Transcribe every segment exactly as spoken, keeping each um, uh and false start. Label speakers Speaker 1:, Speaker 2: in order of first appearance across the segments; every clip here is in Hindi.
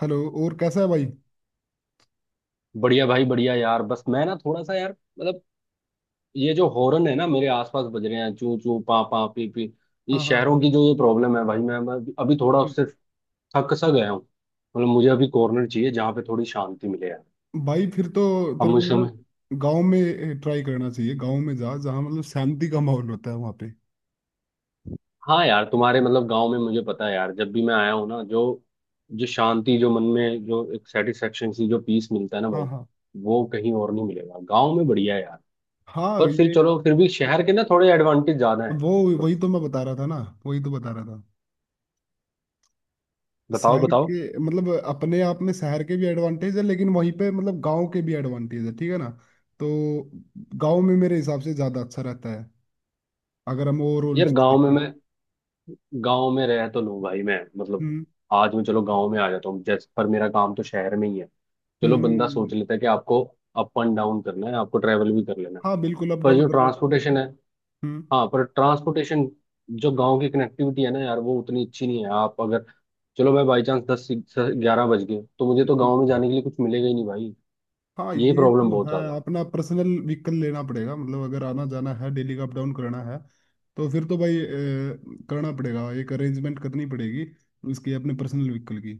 Speaker 1: हेलो। और कैसा है भाई।
Speaker 2: बढ़िया भाई, बढ़िया यार। बस मैं ना थोड़ा सा यार, मतलब ये जो हॉर्न है ना मेरे आसपास बज रहे हैं, चू चू पा पा पी पी। ये
Speaker 1: हाँ, हाँ।
Speaker 2: शहरों की जो ये प्रॉब्लम है भाई, मैं मैं अभी थोड़ा
Speaker 1: हम्म।
Speaker 2: उससे थक सा गया हूँ। मतलब मुझे अभी कॉर्नर चाहिए जहाँ पे थोड़ी शांति मिले यार।
Speaker 1: भाई फिर तो
Speaker 2: अब
Speaker 1: तेरे को
Speaker 2: मुझे समझ।
Speaker 1: मतलब गांव में ट्राई करना चाहिए। गांव में जा, जहाँ मतलब शांति का माहौल होता है वहाँ पे।
Speaker 2: हाँ यार, तुम्हारे मतलब गाँव में मुझे पता है यार, जब भी मैं आया हूँ ना, जो जो शांति, जो मन में, जो एक सेटिस्फेक्शन सी, जो पीस मिलता है ना
Speaker 1: हाँ,
Speaker 2: भाई,
Speaker 1: हाँ,
Speaker 2: वो कहीं और नहीं मिलेगा। गाँव में बढ़िया है यार।
Speaker 1: हाँ।
Speaker 2: पर फिर
Speaker 1: ये
Speaker 2: चलो, फिर भी शहर के ना थोड़े एडवांटेज ज्यादा है।
Speaker 1: वो वही तो मैं बता रहा था ना। वही तो बता रहा था।
Speaker 2: बताओ
Speaker 1: शहर
Speaker 2: बताओ।
Speaker 1: के मतलब अपने आप में शहर के भी एडवांटेज है, लेकिन वहीं पे मतलब गांव के भी एडवांटेज है, ठीक है ना। तो गांव में मेरे हिसाब से ज्यादा अच्छा रहता है, अगर हम ओवरऑल
Speaker 2: यार
Speaker 1: चीज
Speaker 2: गांव में
Speaker 1: देखें।
Speaker 2: मैं गांव में रह तो लूं भाई मैं, मतलब
Speaker 1: हम्म
Speaker 2: आज मैं चलो गांव में आ जाता हूँ जैसे, पर मेरा काम तो शहर में ही है। चलो बंदा
Speaker 1: हम्म
Speaker 2: सोच लेता है कि आपको अप एंड डाउन करना है, आपको ट्रैवल भी कर लेना है।
Speaker 1: हाँ, बिल्कुल, अप
Speaker 2: पर
Speaker 1: डाउन
Speaker 2: जो
Speaker 1: कर लो।
Speaker 2: ट्रांसपोर्टेशन है,
Speaker 1: हम्म
Speaker 2: हाँ पर ट्रांसपोर्टेशन, जो गांव की कनेक्टिविटी है ना यार, वो उतनी अच्छी नहीं है। आप अगर चलो, मैं बाई चांस दस ग्यारह बज गए तो मुझे तो गाँव में
Speaker 1: हम्म।
Speaker 2: जाने के लिए कुछ मिलेगा ही नहीं भाई।
Speaker 1: हाँ,
Speaker 2: ये
Speaker 1: ये
Speaker 2: प्रॉब्लम
Speaker 1: तो
Speaker 2: बहुत
Speaker 1: है।
Speaker 2: ज्यादा है।
Speaker 1: अपना पर्सनल व्हीकल लेना पड़ेगा मतलब, अगर आना जाना है, डेली का अप डाउन करना है। तो फिर तो भाई अ, करना पड़ेगा, एक अरेंजमेंट करनी पड़ेगी उसकी, अपने पर्सनल व्हीकल की।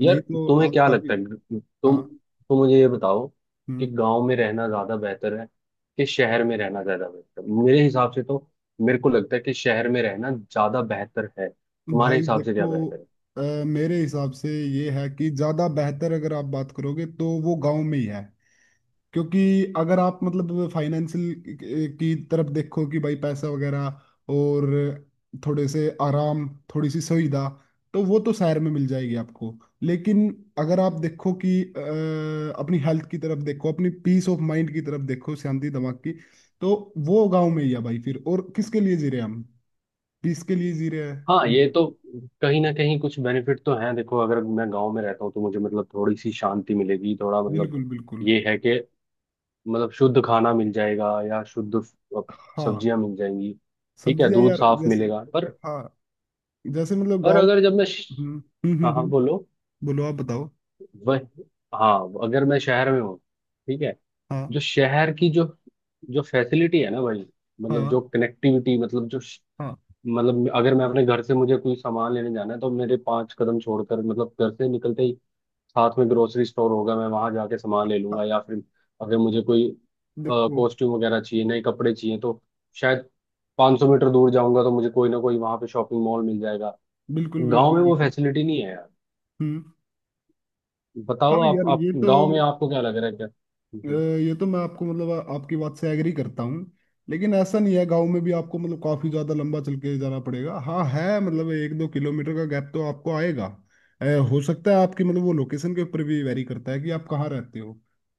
Speaker 2: यार
Speaker 1: नहीं तो
Speaker 2: तुम्हें
Speaker 1: आप
Speaker 2: क्या
Speaker 1: काफी।
Speaker 2: लगता है, तुम
Speaker 1: हाँ
Speaker 2: तुम मुझे ये बताओ कि
Speaker 1: हम्म
Speaker 2: गांव में रहना ज्यादा बेहतर है कि शहर में रहना ज्यादा बेहतर है? मेरे हिसाब से तो, मेरे को लगता है कि शहर में रहना ज्यादा बेहतर है। तुम्हारे
Speaker 1: भाई
Speaker 2: हिसाब से
Speaker 1: देखो,
Speaker 2: क्या बेहतर है?
Speaker 1: अ, मेरे हिसाब से ये है कि ज़्यादा बेहतर अगर आप बात करोगे तो वो गांव में ही है। क्योंकि अगर आप मतलब फाइनेंशियल की तरफ देखो कि भाई पैसा वगैरह, और थोड़े से आराम, थोड़ी सी सुविधा, तो वो तो शहर में मिल जाएगी आपको। लेकिन अगर आप देखो कि अ, अपनी हेल्थ की तरफ देखो, अपनी पीस ऑफ माइंड की तरफ देखो, शांति दिमाग की, तो वो गांव में ही है भाई। फिर और किसके लिए जी रहे हैं हम? पीस के लिए जी रहे
Speaker 2: हाँ
Speaker 1: हैं।
Speaker 2: ये तो कहीं ना कहीं कुछ बेनिफिट तो है। देखो अगर मैं गांव में रहता हूँ तो मुझे मतलब थोड़ी सी शांति मिलेगी, थोड़ा मतलब
Speaker 1: बिल्कुल, बिल्कुल।
Speaker 2: ये है कि मतलब शुद्ध खाना मिल जाएगा या शुद्ध
Speaker 1: हाँ,
Speaker 2: सब्जियां मिल जाएंगी, ठीक है
Speaker 1: सब्जियां
Speaker 2: दूध
Speaker 1: यार,
Speaker 2: साफ
Speaker 1: जैसे।
Speaker 2: मिलेगा। पर
Speaker 1: हाँ, जैसे मतलब
Speaker 2: पर
Speaker 1: गाँव।
Speaker 2: अगर जब मैं श-
Speaker 1: हम्म हम्म हम्म
Speaker 2: हाँ हाँ
Speaker 1: हम्म,
Speaker 2: बोलो।
Speaker 1: बोलो, आप बताओ।
Speaker 2: वह, हाँ, अगर मैं शहर में हूँ, ठीक है,
Speaker 1: हाँ,
Speaker 2: जो शहर की जो जो फैसिलिटी है ना भाई, मतलब
Speaker 1: हाँ,
Speaker 2: जो कनेक्टिविटी, मतलब जो श-
Speaker 1: हाँ,
Speaker 2: मतलब अगर मैं अपने घर से, मुझे कोई सामान लेने जाना है, तो मेरे पांच कदम छोड़कर मतलब घर से निकलते ही साथ में ग्रोसरी स्टोर होगा, मैं वहां जाके सामान ले
Speaker 1: हाँ,
Speaker 2: लूंगा। या फिर अगर मुझे कोई
Speaker 1: देखो।
Speaker 2: कॉस्ट्यूम वगैरह चाहिए, नए कपड़े चाहिए तो शायद पांच सौ मीटर दूर जाऊंगा तो मुझे कोई ना कोई वहां पे शॉपिंग मॉल मिल जाएगा।
Speaker 1: बिल्कुल,
Speaker 2: गांव
Speaker 1: बिल्कुल,
Speaker 2: में वो
Speaker 1: बिल्कुल।
Speaker 2: फैसिलिटी नहीं है।
Speaker 1: हम्म हाँ
Speaker 2: बताओ आप
Speaker 1: यार,
Speaker 2: आप
Speaker 1: ये तो।
Speaker 2: गांव में आपको क्या लग रहा है? क्या?
Speaker 1: अ,
Speaker 2: हम्म।
Speaker 1: ये तो मैं आपको मतलब आपकी बात से एग्री करता हूँ, लेकिन ऐसा नहीं है। गांव में भी आपको मतलब काफी ज्यादा लंबा चल के जाना पड़ेगा। हाँ है, मतलब एक दो किलोमीटर का गैप तो आपको आएगा। अ, हो सकता है आपकी मतलब वो लोकेशन के ऊपर भी वेरी करता है कि आप कहाँ रहते हो।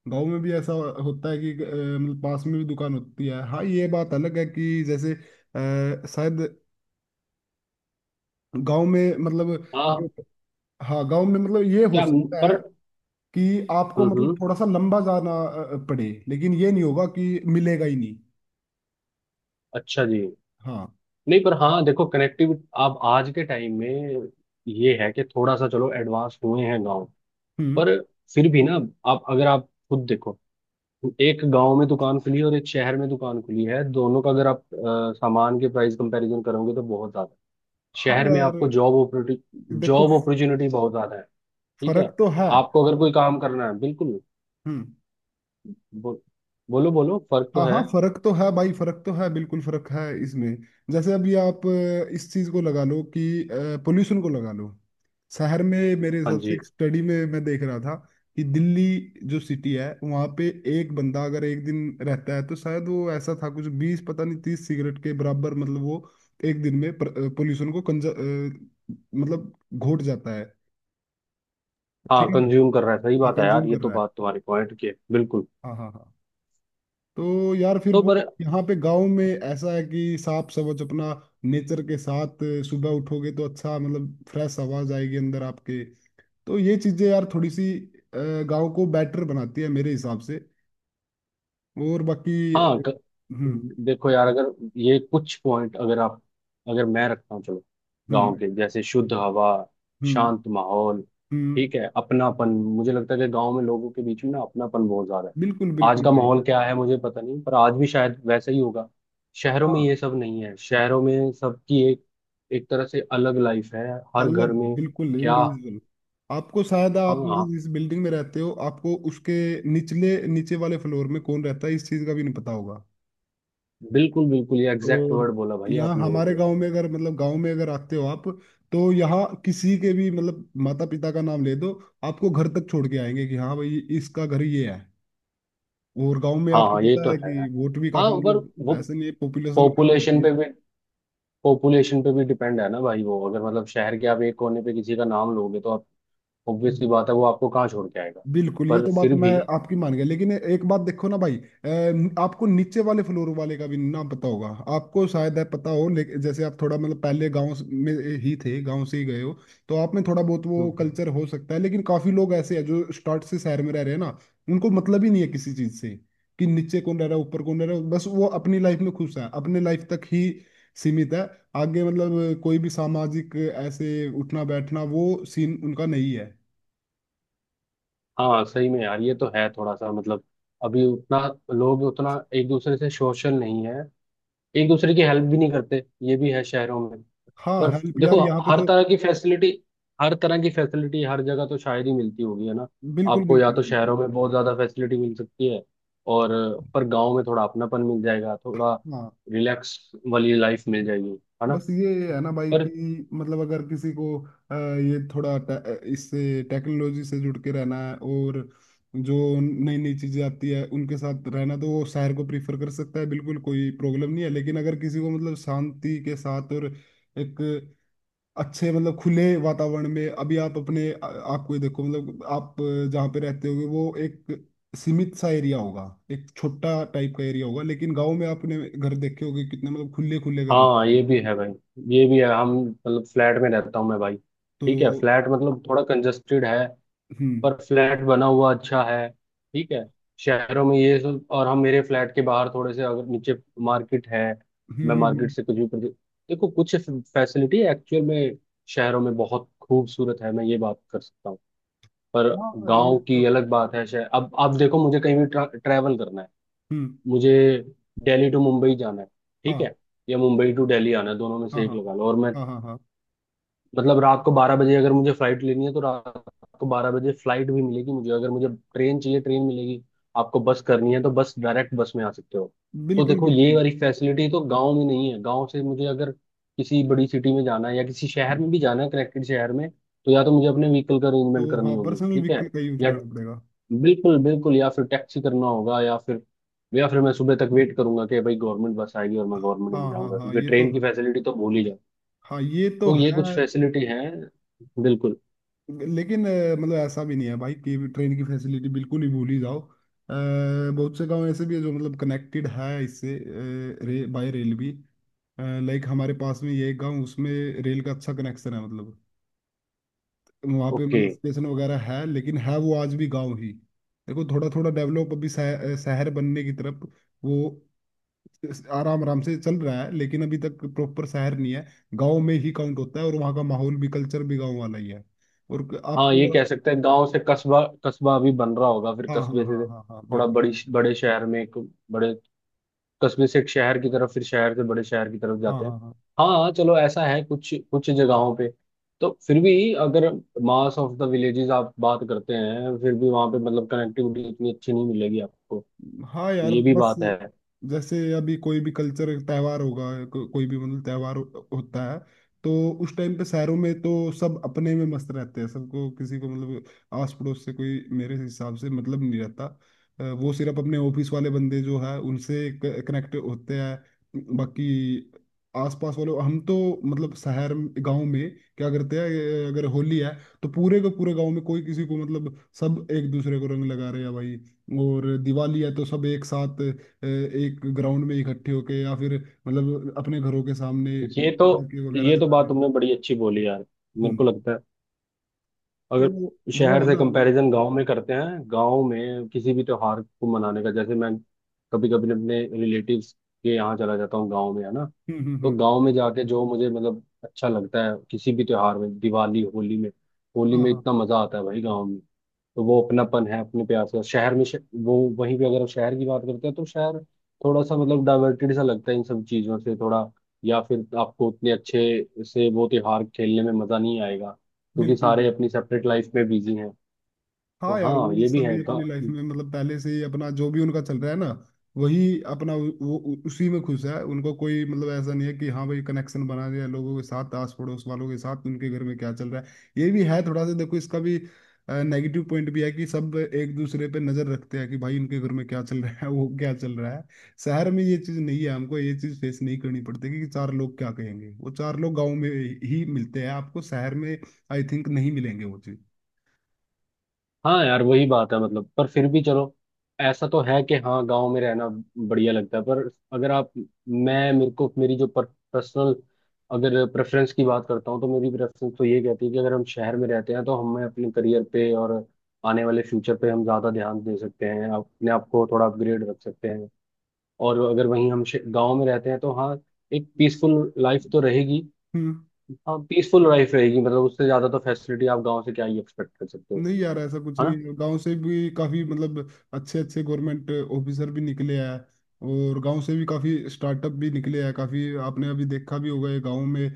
Speaker 1: गांव में भी ऐसा होता है कि अ, मतलब पास में भी दुकान होती है। हाँ, ये बात अलग है कि जैसे अ, शायद गांव में मतलब।
Speaker 2: हाँ।
Speaker 1: हाँ, गाँव में मतलब ये हो
Speaker 2: क्या?
Speaker 1: सकता है
Speaker 2: पर
Speaker 1: कि आपको मतलब
Speaker 2: हम्म,
Speaker 1: थोड़ा सा लंबा जाना अ, पड़े, लेकिन ये नहीं होगा कि मिलेगा ही नहीं।
Speaker 2: अच्छा जी।
Speaker 1: हाँ
Speaker 2: नहीं पर हाँ देखो, कनेक्टिविटी आप आज के टाइम में ये है कि थोड़ा सा चलो एडवांस हुए हैं गांव।
Speaker 1: हम्म
Speaker 2: पर फिर भी ना, आप अगर आप खुद देखो, एक गांव में दुकान खुली है और एक शहर में दुकान खुली है, दोनों का अगर आप अ, सामान के प्राइस कंपैरिजन करोगे तो बहुत ज्यादा है।
Speaker 1: हाँ
Speaker 2: शहर में
Speaker 1: यार
Speaker 2: आपको जॉब अपॉर्चुनिटी,
Speaker 1: देखो,
Speaker 2: जॉब अपॉर्चुनिटी बहुत ज्यादा है। ठीक है,
Speaker 1: फर्क तो है।
Speaker 2: आपको अगर कोई काम करना है, बिल्कुल।
Speaker 1: हम्म
Speaker 2: बो, बोलो बोलो, फर्क तो
Speaker 1: हाँ, हाँ,
Speaker 2: है।
Speaker 1: फर्क तो है भाई, फर्क तो है, बिल्कुल फर्क है इसमें। जैसे अभी आप अ, इस चीज को लगा लो कि पोल्यूशन को लगा लो। शहर में मेरे
Speaker 2: हाँ
Speaker 1: हिसाब से,
Speaker 2: जी।
Speaker 1: एक स्टडी में मैं देख रहा था कि दिल्ली जो सिटी है वहाँ पे एक बंदा अगर एक दिन रहता है, तो शायद वो ऐसा था कुछ बीस, पता नहीं, तीस सिगरेट के बराबर मतलब वो एक दिन में पोल्यूशन को कंज अ, मतलब घोट जाता है।
Speaker 2: हाँ
Speaker 1: ठीक है ना।
Speaker 2: कंज्यूम कर रहा है, सही
Speaker 1: हाँ,
Speaker 2: बात है
Speaker 1: कंज्यूम
Speaker 2: यार, ये
Speaker 1: कर
Speaker 2: तो
Speaker 1: रहा है।
Speaker 2: बात तुम्हारी पॉइंट की है, बिल्कुल।
Speaker 1: हाँ, हाँ, हाँ। तो यार फिर
Speaker 2: तो
Speaker 1: वो,
Speaker 2: पर
Speaker 1: यहाँ पे गांव में ऐसा है कि साफ सवच अपना, नेचर के साथ, सुबह उठोगे तो अच्छा मतलब फ्रेश आवाज आएगी अंदर आपके। तो ये चीजें यार, थोड़ी सी गांव को बेटर बनाती है मेरे हिसाब से। और बाकी।
Speaker 2: हाँ, ग-
Speaker 1: हम्म,
Speaker 2: देखो यार, अगर ये कुछ पॉइंट अगर आप अगर मैं रखता हूँ चलो, गांव
Speaker 1: हम्म,
Speaker 2: के जैसे शुद्ध हवा,
Speaker 1: हम्म,
Speaker 2: शांत माहौल,
Speaker 1: हम्म।
Speaker 2: ठीक है, अपनापन। मुझे लगता है कि गांव में लोगों के बीच में ना अपनापन बहुत ज्यादा है।
Speaker 1: बिल्कुल,
Speaker 2: आज
Speaker 1: बिल्कुल
Speaker 2: का
Speaker 1: भाई।
Speaker 2: माहौल क्या है मुझे पता नहीं, पर आज भी शायद वैसा ही होगा। शहरों में
Speaker 1: हाँ,
Speaker 2: ये सब नहीं है, शहरों में सबकी एक एक तरह से अलग लाइफ है हर
Speaker 1: अलग,
Speaker 2: घर में।
Speaker 1: बिल्कुल
Speaker 2: क्या?
Speaker 1: इंडिविजुअल। आपको शायद, आप
Speaker 2: हाँ
Speaker 1: मतलब जिस बिल्डिंग में रहते हो, आपको उसके निचले नीचे वाले फ्लोर में कौन रहता है इस चीज का भी नहीं पता होगा।
Speaker 2: बिल्कुल बिल्कुल, ये एग्जैक्ट
Speaker 1: और
Speaker 2: वर्ड बोला भाई
Speaker 1: यहाँ
Speaker 2: आपने
Speaker 1: हमारे
Speaker 2: मतलब।
Speaker 1: गांव में अगर मतलब गांव में अगर आते हो आप, तो यहाँ किसी के भी मतलब माता पिता का नाम ले दो, आपको घर तक छोड़ के आएंगे कि हाँ भाई, इसका घर ये है। और गांव में
Speaker 2: हाँ
Speaker 1: आपको
Speaker 2: हाँ ये
Speaker 1: पता
Speaker 2: तो
Speaker 1: है
Speaker 2: है।
Speaker 1: कि वोट भी
Speaker 2: हाँ
Speaker 1: काफी
Speaker 2: पर
Speaker 1: मतलब
Speaker 2: वो,
Speaker 1: ऐसे नहीं है, पॉपुलेशन कम
Speaker 2: पॉपुलेशन
Speaker 1: होती
Speaker 2: पे भी, पॉपुलेशन पे भी डिपेंड है ना भाई। वो अगर मतलब शहर के आप एक कोने पे किसी का नाम लोगे तो आप,
Speaker 1: है।
Speaker 2: ऑब्वियसली बात है, वो आपको कहाँ छोड़ के आएगा?
Speaker 1: बिल्कुल, ये
Speaker 2: पर
Speaker 1: तो बात
Speaker 2: फिर
Speaker 1: मैं
Speaker 2: भी।
Speaker 1: आपकी मान गया, लेकिन एक बात देखो ना भाई, अ, आपको नीचे वाले फ्लोर वाले का भी ना पता होगा। आपको शायद है पता हो, लेकिन जैसे आप थोड़ा मतलब पहले गांव स- में ही थे, गांव से ही गए हो, तो आप में थोड़ा बहुत वो
Speaker 2: हम्म, हम्म।
Speaker 1: कल्चर हो सकता है। लेकिन काफी लोग ऐसे हैं जो स्टार्ट से शहर में रह रहे हैं ना, उनको मतलब ही नहीं है किसी चीज से कि नीचे कौन रह रहा है, ऊपर कौन रह रहा है, बस वो अपनी लाइफ में खुश है, अपने लाइफ तक ही सीमित है। आगे मतलब कोई भी सामाजिक ऐसे उठना बैठना वो सीन उनका नहीं है।
Speaker 2: हाँ सही में यार, ये तो है थोड़ा सा मतलब, अभी उतना लोग उतना एक दूसरे से सोशल नहीं है, एक दूसरे की हेल्प भी नहीं करते, ये भी है शहरों में।
Speaker 1: हाँ,
Speaker 2: पर
Speaker 1: हेल्प यार,
Speaker 2: देखो,
Speaker 1: यहाँ पे
Speaker 2: हर
Speaker 1: तो
Speaker 2: तरह की फैसिलिटी, हर तरह की फैसिलिटी हर जगह तो शायद ही मिलती होगी, है ना?
Speaker 1: बिल्कुल,
Speaker 2: आपको या
Speaker 1: बिल्कुल,
Speaker 2: तो
Speaker 1: बिल्कुल।
Speaker 2: शहरों में बहुत ज्यादा फैसिलिटी मिल सकती है, और पर गांव में थोड़ा अपनापन मिल जाएगा, थोड़ा
Speaker 1: हाँ,
Speaker 2: रिलैक्स वाली लाइफ मिल जाएगी, है ना?
Speaker 1: बस ये है ना भाई
Speaker 2: पर
Speaker 1: कि मतलब, अगर किसी को अ, ये थोड़ा टे- इससे टेक्नोलॉजी से जुड़ के रहना है, और जो नई नई चीजें आती है उनके साथ रहना, तो वो शहर को प्रीफर कर सकता है, बिल्कुल कोई प्रॉब्लम नहीं है। लेकिन अगर किसी को मतलब शांति के साथ और एक अच्छे मतलब खुले वातावरण में, अभी आप अपने आ- आपको ही देखो, मतलब आप अ, जहाँ पे रहते होगे वो एक सीमित सा एरिया होगा, एक छोटा टाइप का एरिया होगा। लेकिन गांव में आपने घर देखे होंगे कितने मतलब खुले खुले घर होते
Speaker 2: हाँ
Speaker 1: हैं।
Speaker 2: ये भी है भाई, ये भी है हम मतलब फ्लैट में रहता हूँ मैं भाई। ठीक है,
Speaker 1: तो।
Speaker 2: फ्लैट मतलब थोड़ा कंजस्टेड है,
Speaker 1: हम्म,
Speaker 2: पर फ्लैट बना हुआ अच्छा है, ठीक है। शहरों में ये सब। और हम, मेरे फ्लैट के बाहर थोड़े से अगर नीचे मार्केट है,
Speaker 1: हम्म,
Speaker 2: मैं
Speaker 1: हम्म।
Speaker 2: मार्केट
Speaker 1: हम्म।
Speaker 2: से कुछ भी प्रदे- देखो, कुछ फैसिलिटी एक्चुअल में शहरों में बहुत खूबसूरत है, मैं ये बात कर सकता हूँ। पर
Speaker 1: हाँ, ये
Speaker 2: गांव
Speaker 1: तो
Speaker 2: की
Speaker 1: है।
Speaker 2: अलग बात है। शहर, अब अब देखो, मुझे कहीं भी ट्रा, ट्रैवल करना है।
Speaker 1: हम्म,
Speaker 2: मुझे दिल्ली टू मुंबई जाना है, ठीक
Speaker 1: हाँ,
Speaker 2: है, या मुंबई टू दिल्ली आना है, दोनों में
Speaker 1: हाँ,
Speaker 2: से एक
Speaker 1: हाँ,
Speaker 2: लगा लो। और मैं,
Speaker 1: हाँ, हाँ, हाँ,
Speaker 2: मतलब रात को बारह बजे अगर मुझे फ्लाइट लेनी है तो रात को बारह बजे फ्लाइट भी मिलेगी। मुझे अगर मुझे ट्रेन चाहिए, ट्रेन मिलेगी। आपको बस करनी है तो बस डायरेक्ट बस में आ सकते हो। तो
Speaker 1: बिल्कुल,
Speaker 2: देखो ये
Speaker 1: बिल्कुल।
Speaker 2: वाली फैसिलिटी तो गांव में नहीं है। गांव से मुझे अगर किसी बड़ी सिटी में जाना है या किसी शहर में भी जाना है, कनेक्टेड शहर में, तो या तो मुझे अपने व्हीकल का अरेंजमेंट
Speaker 1: तो
Speaker 2: करनी
Speaker 1: हाँ,
Speaker 2: होगी,
Speaker 1: पर्सनल
Speaker 2: ठीक
Speaker 1: व्हीकल
Speaker 2: है,
Speaker 1: का यूज
Speaker 2: या
Speaker 1: करना पड़ेगा।
Speaker 2: बिल्कुल बिल्कुल, या फिर टैक्सी करना होगा, या फिर या फिर मैं सुबह तक वेट करूंगा कि भाई गवर्नमेंट बस आएगी और मैं गवर्नमेंट में
Speaker 1: हाँ, हाँ,
Speaker 2: जाऊंगा
Speaker 1: हाँ,
Speaker 2: क्योंकि
Speaker 1: ये तो
Speaker 2: ट्रेन की
Speaker 1: है।
Speaker 2: फैसिलिटी तो भूल ही जाओ।
Speaker 1: हाँ, ये तो
Speaker 2: तो ये
Speaker 1: है।
Speaker 2: कुछ फैसिलिटी हैं, बिल्कुल।
Speaker 1: लेकिन अ, मतलब ऐसा भी नहीं है भाई कि ट्रेन की फैसिलिटी बिल्कुल ही भूल ही जाओ। अ, बहुत से गांव ऐसे भी है जो मतलब कनेक्टेड है इससे, रे, बाय रेल भी। लाइक हमारे पास में ये एक गांव, उसमें रेल का अच्छा कनेक्शन है, मतलब वहाँ पे
Speaker 2: ओके।
Speaker 1: मतलब स्टेशन वगैरह है, लेकिन है वो आज भी गांव ही। देखो थोड़ा थोड़ा डेवलप, अभी शह- शहर बनने की तरफ वो आराम आराम से चल रहा है, लेकिन अभी तक प्रॉपर शहर नहीं है। गांव में ही काउंट होता है, और वहाँ का माहौल भी, कल्चर भी गांव वाला ही है। और क-
Speaker 2: हाँ ये
Speaker 1: आपको।
Speaker 2: कह सकते हैं गांव से कस्बा, कस्बा अभी बन रहा होगा, फिर
Speaker 1: हाँ,
Speaker 2: कस्बे
Speaker 1: हाँ, हाँ,
Speaker 2: से
Speaker 1: हाँ, हाँ,
Speaker 2: थोड़ा
Speaker 1: बिल्कुल।
Speaker 2: बड़ी बड़े शहर में, एक बड़े कस्बे से एक शहर की तरफ, फिर शहर से बड़े शहर की तरफ
Speaker 1: हाँ,
Speaker 2: जाते हैं।
Speaker 1: हाँ, हाँ।
Speaker 2: हाँ चलो ऐसा है कुछ कुछ जगहों पे। तो फिर भी अगर मास ऑफ द विलेजेस आप बात करते हैं, फिर भी वहां पे मतलब कनेक्टिविटी इतनी अच्छी नहीं मिलेगी आपको,
Speaker 1: हाँ यार,
Speaker 2: ये भी
Speaker 1: बस
Speaker 2: बात है।
Speaker 1: जैसे अभी कोई भी कल्चर त्यौहार होगा, को, कोई भी मतलब त्यौहार हो, होता है, तो उस टाइम पे शहरों में तो सब अपने में मस्त रहते हैं, सबको किसी को मतलब आस पड़ोस से कोई मेरे हिसाब से मतलब नहीं रहता। अ, वो सिर्फ अपने ऑफिस वाले बंदे जो है उनसे कनेक्ट होते हैं, बाकी आसपास वाले हम तो मतलब शहर। गांव में क्या करते हैं, अगर होली है तो पूरे के पूरे गांव में कोई किसी को मतलब सब एक दूसरे को रंग लगा रहे हैं भाई। और दिवाली है तो सब एक साथ अ, एक ग्राउंड में इकट्ठे होके, या फिर मतलब अपने घरों के सामने
Speaker 2: ये तो
Speaker 1: पटाखे वगैरह
Speaker 2: ये तो
Speaker 1: जला
Speaker 2: बात
Speaker 1: दें।
Speaker 2: तुमने बड़ी अच्छी बोली यार। मेरे को
Speaker 1: हम्म।
Speaker 2: लगता है,
Speaker 1: तो
Speaker 2: अगर
Speaker 1: वो
Speaker 2: शहर
Speaker 1: है
Speaker 2: से
Speaker 1: ना मतलब।
Speaker 2: कंपैरिजन गांव में करते हैं, गांव में किसी भी त्योहार को मनाने का, जैसे मैं कभी कभी अपने रिलेटिव्स के यहाँ चला जाता हूँ गांव में, है ना?
Speaker 1: हम्म, हम्म,
Speaker 2: तो
Speaker 1: हम्म।
Speaker 2: गांव में जाके जो मुझे मतलब अच्छा लगता है किसी भी त्योहार में, दिवाली होली में, होली
Speaker 1: हाँ,
Speaker 2: में
Speaker 1: हाँ,
Speaker 2: इतना मजा आता है भाई गांव में। तो वो अपनापन है अपने प्यार का। शहर में श... वो, वहीं पे अगर हम शहर की बात करते हैं तो शहर थोड़ा सा मतलब डाइवर्टेड सा लगता है इन सब चीजों से, थोड़ा, या फिर आपको उतने अच्छे से वो त्योहार खेलने में मजा नहीं आएगा क्योंकि
Speaker 1: बिल्कुल,
Speaker 2: सारे अपनी
Speaker 1: बिल्कुल।
Speaker 2: सेपरेट लाइफ में बिजी हैं। तो
Speaker 1: हाँ यार,
Speaker 2: हाँ
Speaker 1: वो
Speaker 2: ये भी
Speaker 1: सभी
Speaker 2: है गा-
Speaker 1: अपनी लाइफ में मतलब पहले से ही अपना जो भी उनका चल रहा है ना, वही अपना उ- वो उ- उसी में खुश है। उनको कोई मतलब ऐसा नहीं है कि हाँ भाई, कनेक्शन बना दिया लोगों के साथ, आस पड़ोस वालों के साथ, उनके घर में क्या चल रहा है। ये भी है थोड़ा सा, देखो, इसका भी नेगेटिव पॉइंट भी है कि सब एक दूसरे पे नजर रखते हैं कि भाई उनके घर में क्या चल रहा है वो क्या चल रहा है। शहर में ये चीज नहीं है, हमको ये चीज फेस नहीं करनी पड़ती कि चार लोग क्या कहेंगे। वो चार लोग गाँव में ही मिलते हैं आपको, शहर में आई थिंक नहीं मिलेंगे वो चीज।
Speaker 2: हाँ यार वही बात है मतलब। पर फिर भी चलो, ऐसा तो है कि हाँ गांव में रहना बढ़िया लगता है। पर अगर आप, मैं मेरे को, मेरी जो पर्सनल, अगर प्रेफरेंस की बात करता हूँ, तो मेरी प्रेफरेंस तो ये कहती है कि अगर हम शहर में रहते हैं तो हमें अपने करियर पे और आने वाले फ्यूचर पे हम ज़्यादा ध्यान दे सकते हैं, अपने आप को थोड़ा अपग्रेड रख सकते हैं। और अगर वहीं हम गांव में रहते हैं तो हाँ, एक पीसफुल लाइफ तो रहेगी। हाँ पीसफुल लाइफ रहेगी, मतलब उससे ज़्यादा तो फैसिलिटी आप गाँव से क्या ही एक्सपेक्ट कर सकते हो,
Speaker 1: नहीं यार, ऐसा कुछ
Speaker 2: है
Speaker 1: नहीं
Speaker 2: ना?
Speaker 1: है, गांव से भी काफी मतलब अच्छे अच्छे गवर्नमेंट ऑफिसर भी निकले हैं, और गांव से भी काफी स्टार्टअप भी निकले हैं काफी। आपने अभी देखा भी होगा, ये गांव में अ,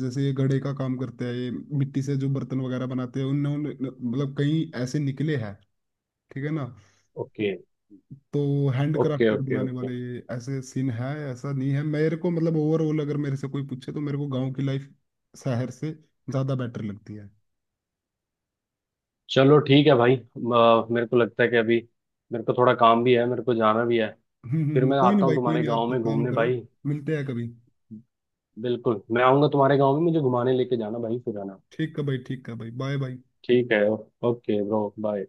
Speaker 1: जैसे ये घड़े का काम करते हैं, ये मिट्टी से जो बर्तन वगैरह बनाते हैं, उन्होंने मतलब कई ऐसे निकले हैं, ठीक है ना।
Speaker 2: ओके
Speaker 1: तो हैंड
Speaker 2: ओके
Speaker 1: क्राफ्टेड
Speaker 2: ओके
Speaker 1: बनाने
Speaker 2: ओके।
Speaker 1: वाले, ये ऐसे सीन है। ऐसा नहीं है, मेरे को मतलब ओवरऑल अगर मेरे से कोई पूछे, तो मेरे को गांव की लाइफ शहर से ज्यादा बेटर लगती है
Speaker 2: चलो ठीक है भाई, अ, मेरे को लगता है कि अभी मेरे को थोड़ा काम भी है, मेरे को जाना भी है।
Speaker 1: हम्म, हम्म,
Speaker 2: फिर
Speaker 1: हम्म,
Speaker 2: मैं
Speaker 1: कोई नहीं
Speaker 2: आता हूँ
Speaker 1: भाई, कोई
Speaker 2: तुम्हारे
Speaker 1: नहीं, आप
Speaker 2: गांव में
Speaker 1: काम
Speaker 2: घूमने
Speaker 1: करो।
Speaker 2: भाई।
Speaker 1: मिलते हैं कभी।
Speaker 2: बिल्कुल मैं आऊंगा तुम्हारे गांव में, मुझे घुमाने लेके जाना भाई फिर, है ना?
Speaker 1: ठीक है भाई, ठीक है भाई, बाय बाय।
Speaker 2: ठीक है। Okay bro, bye.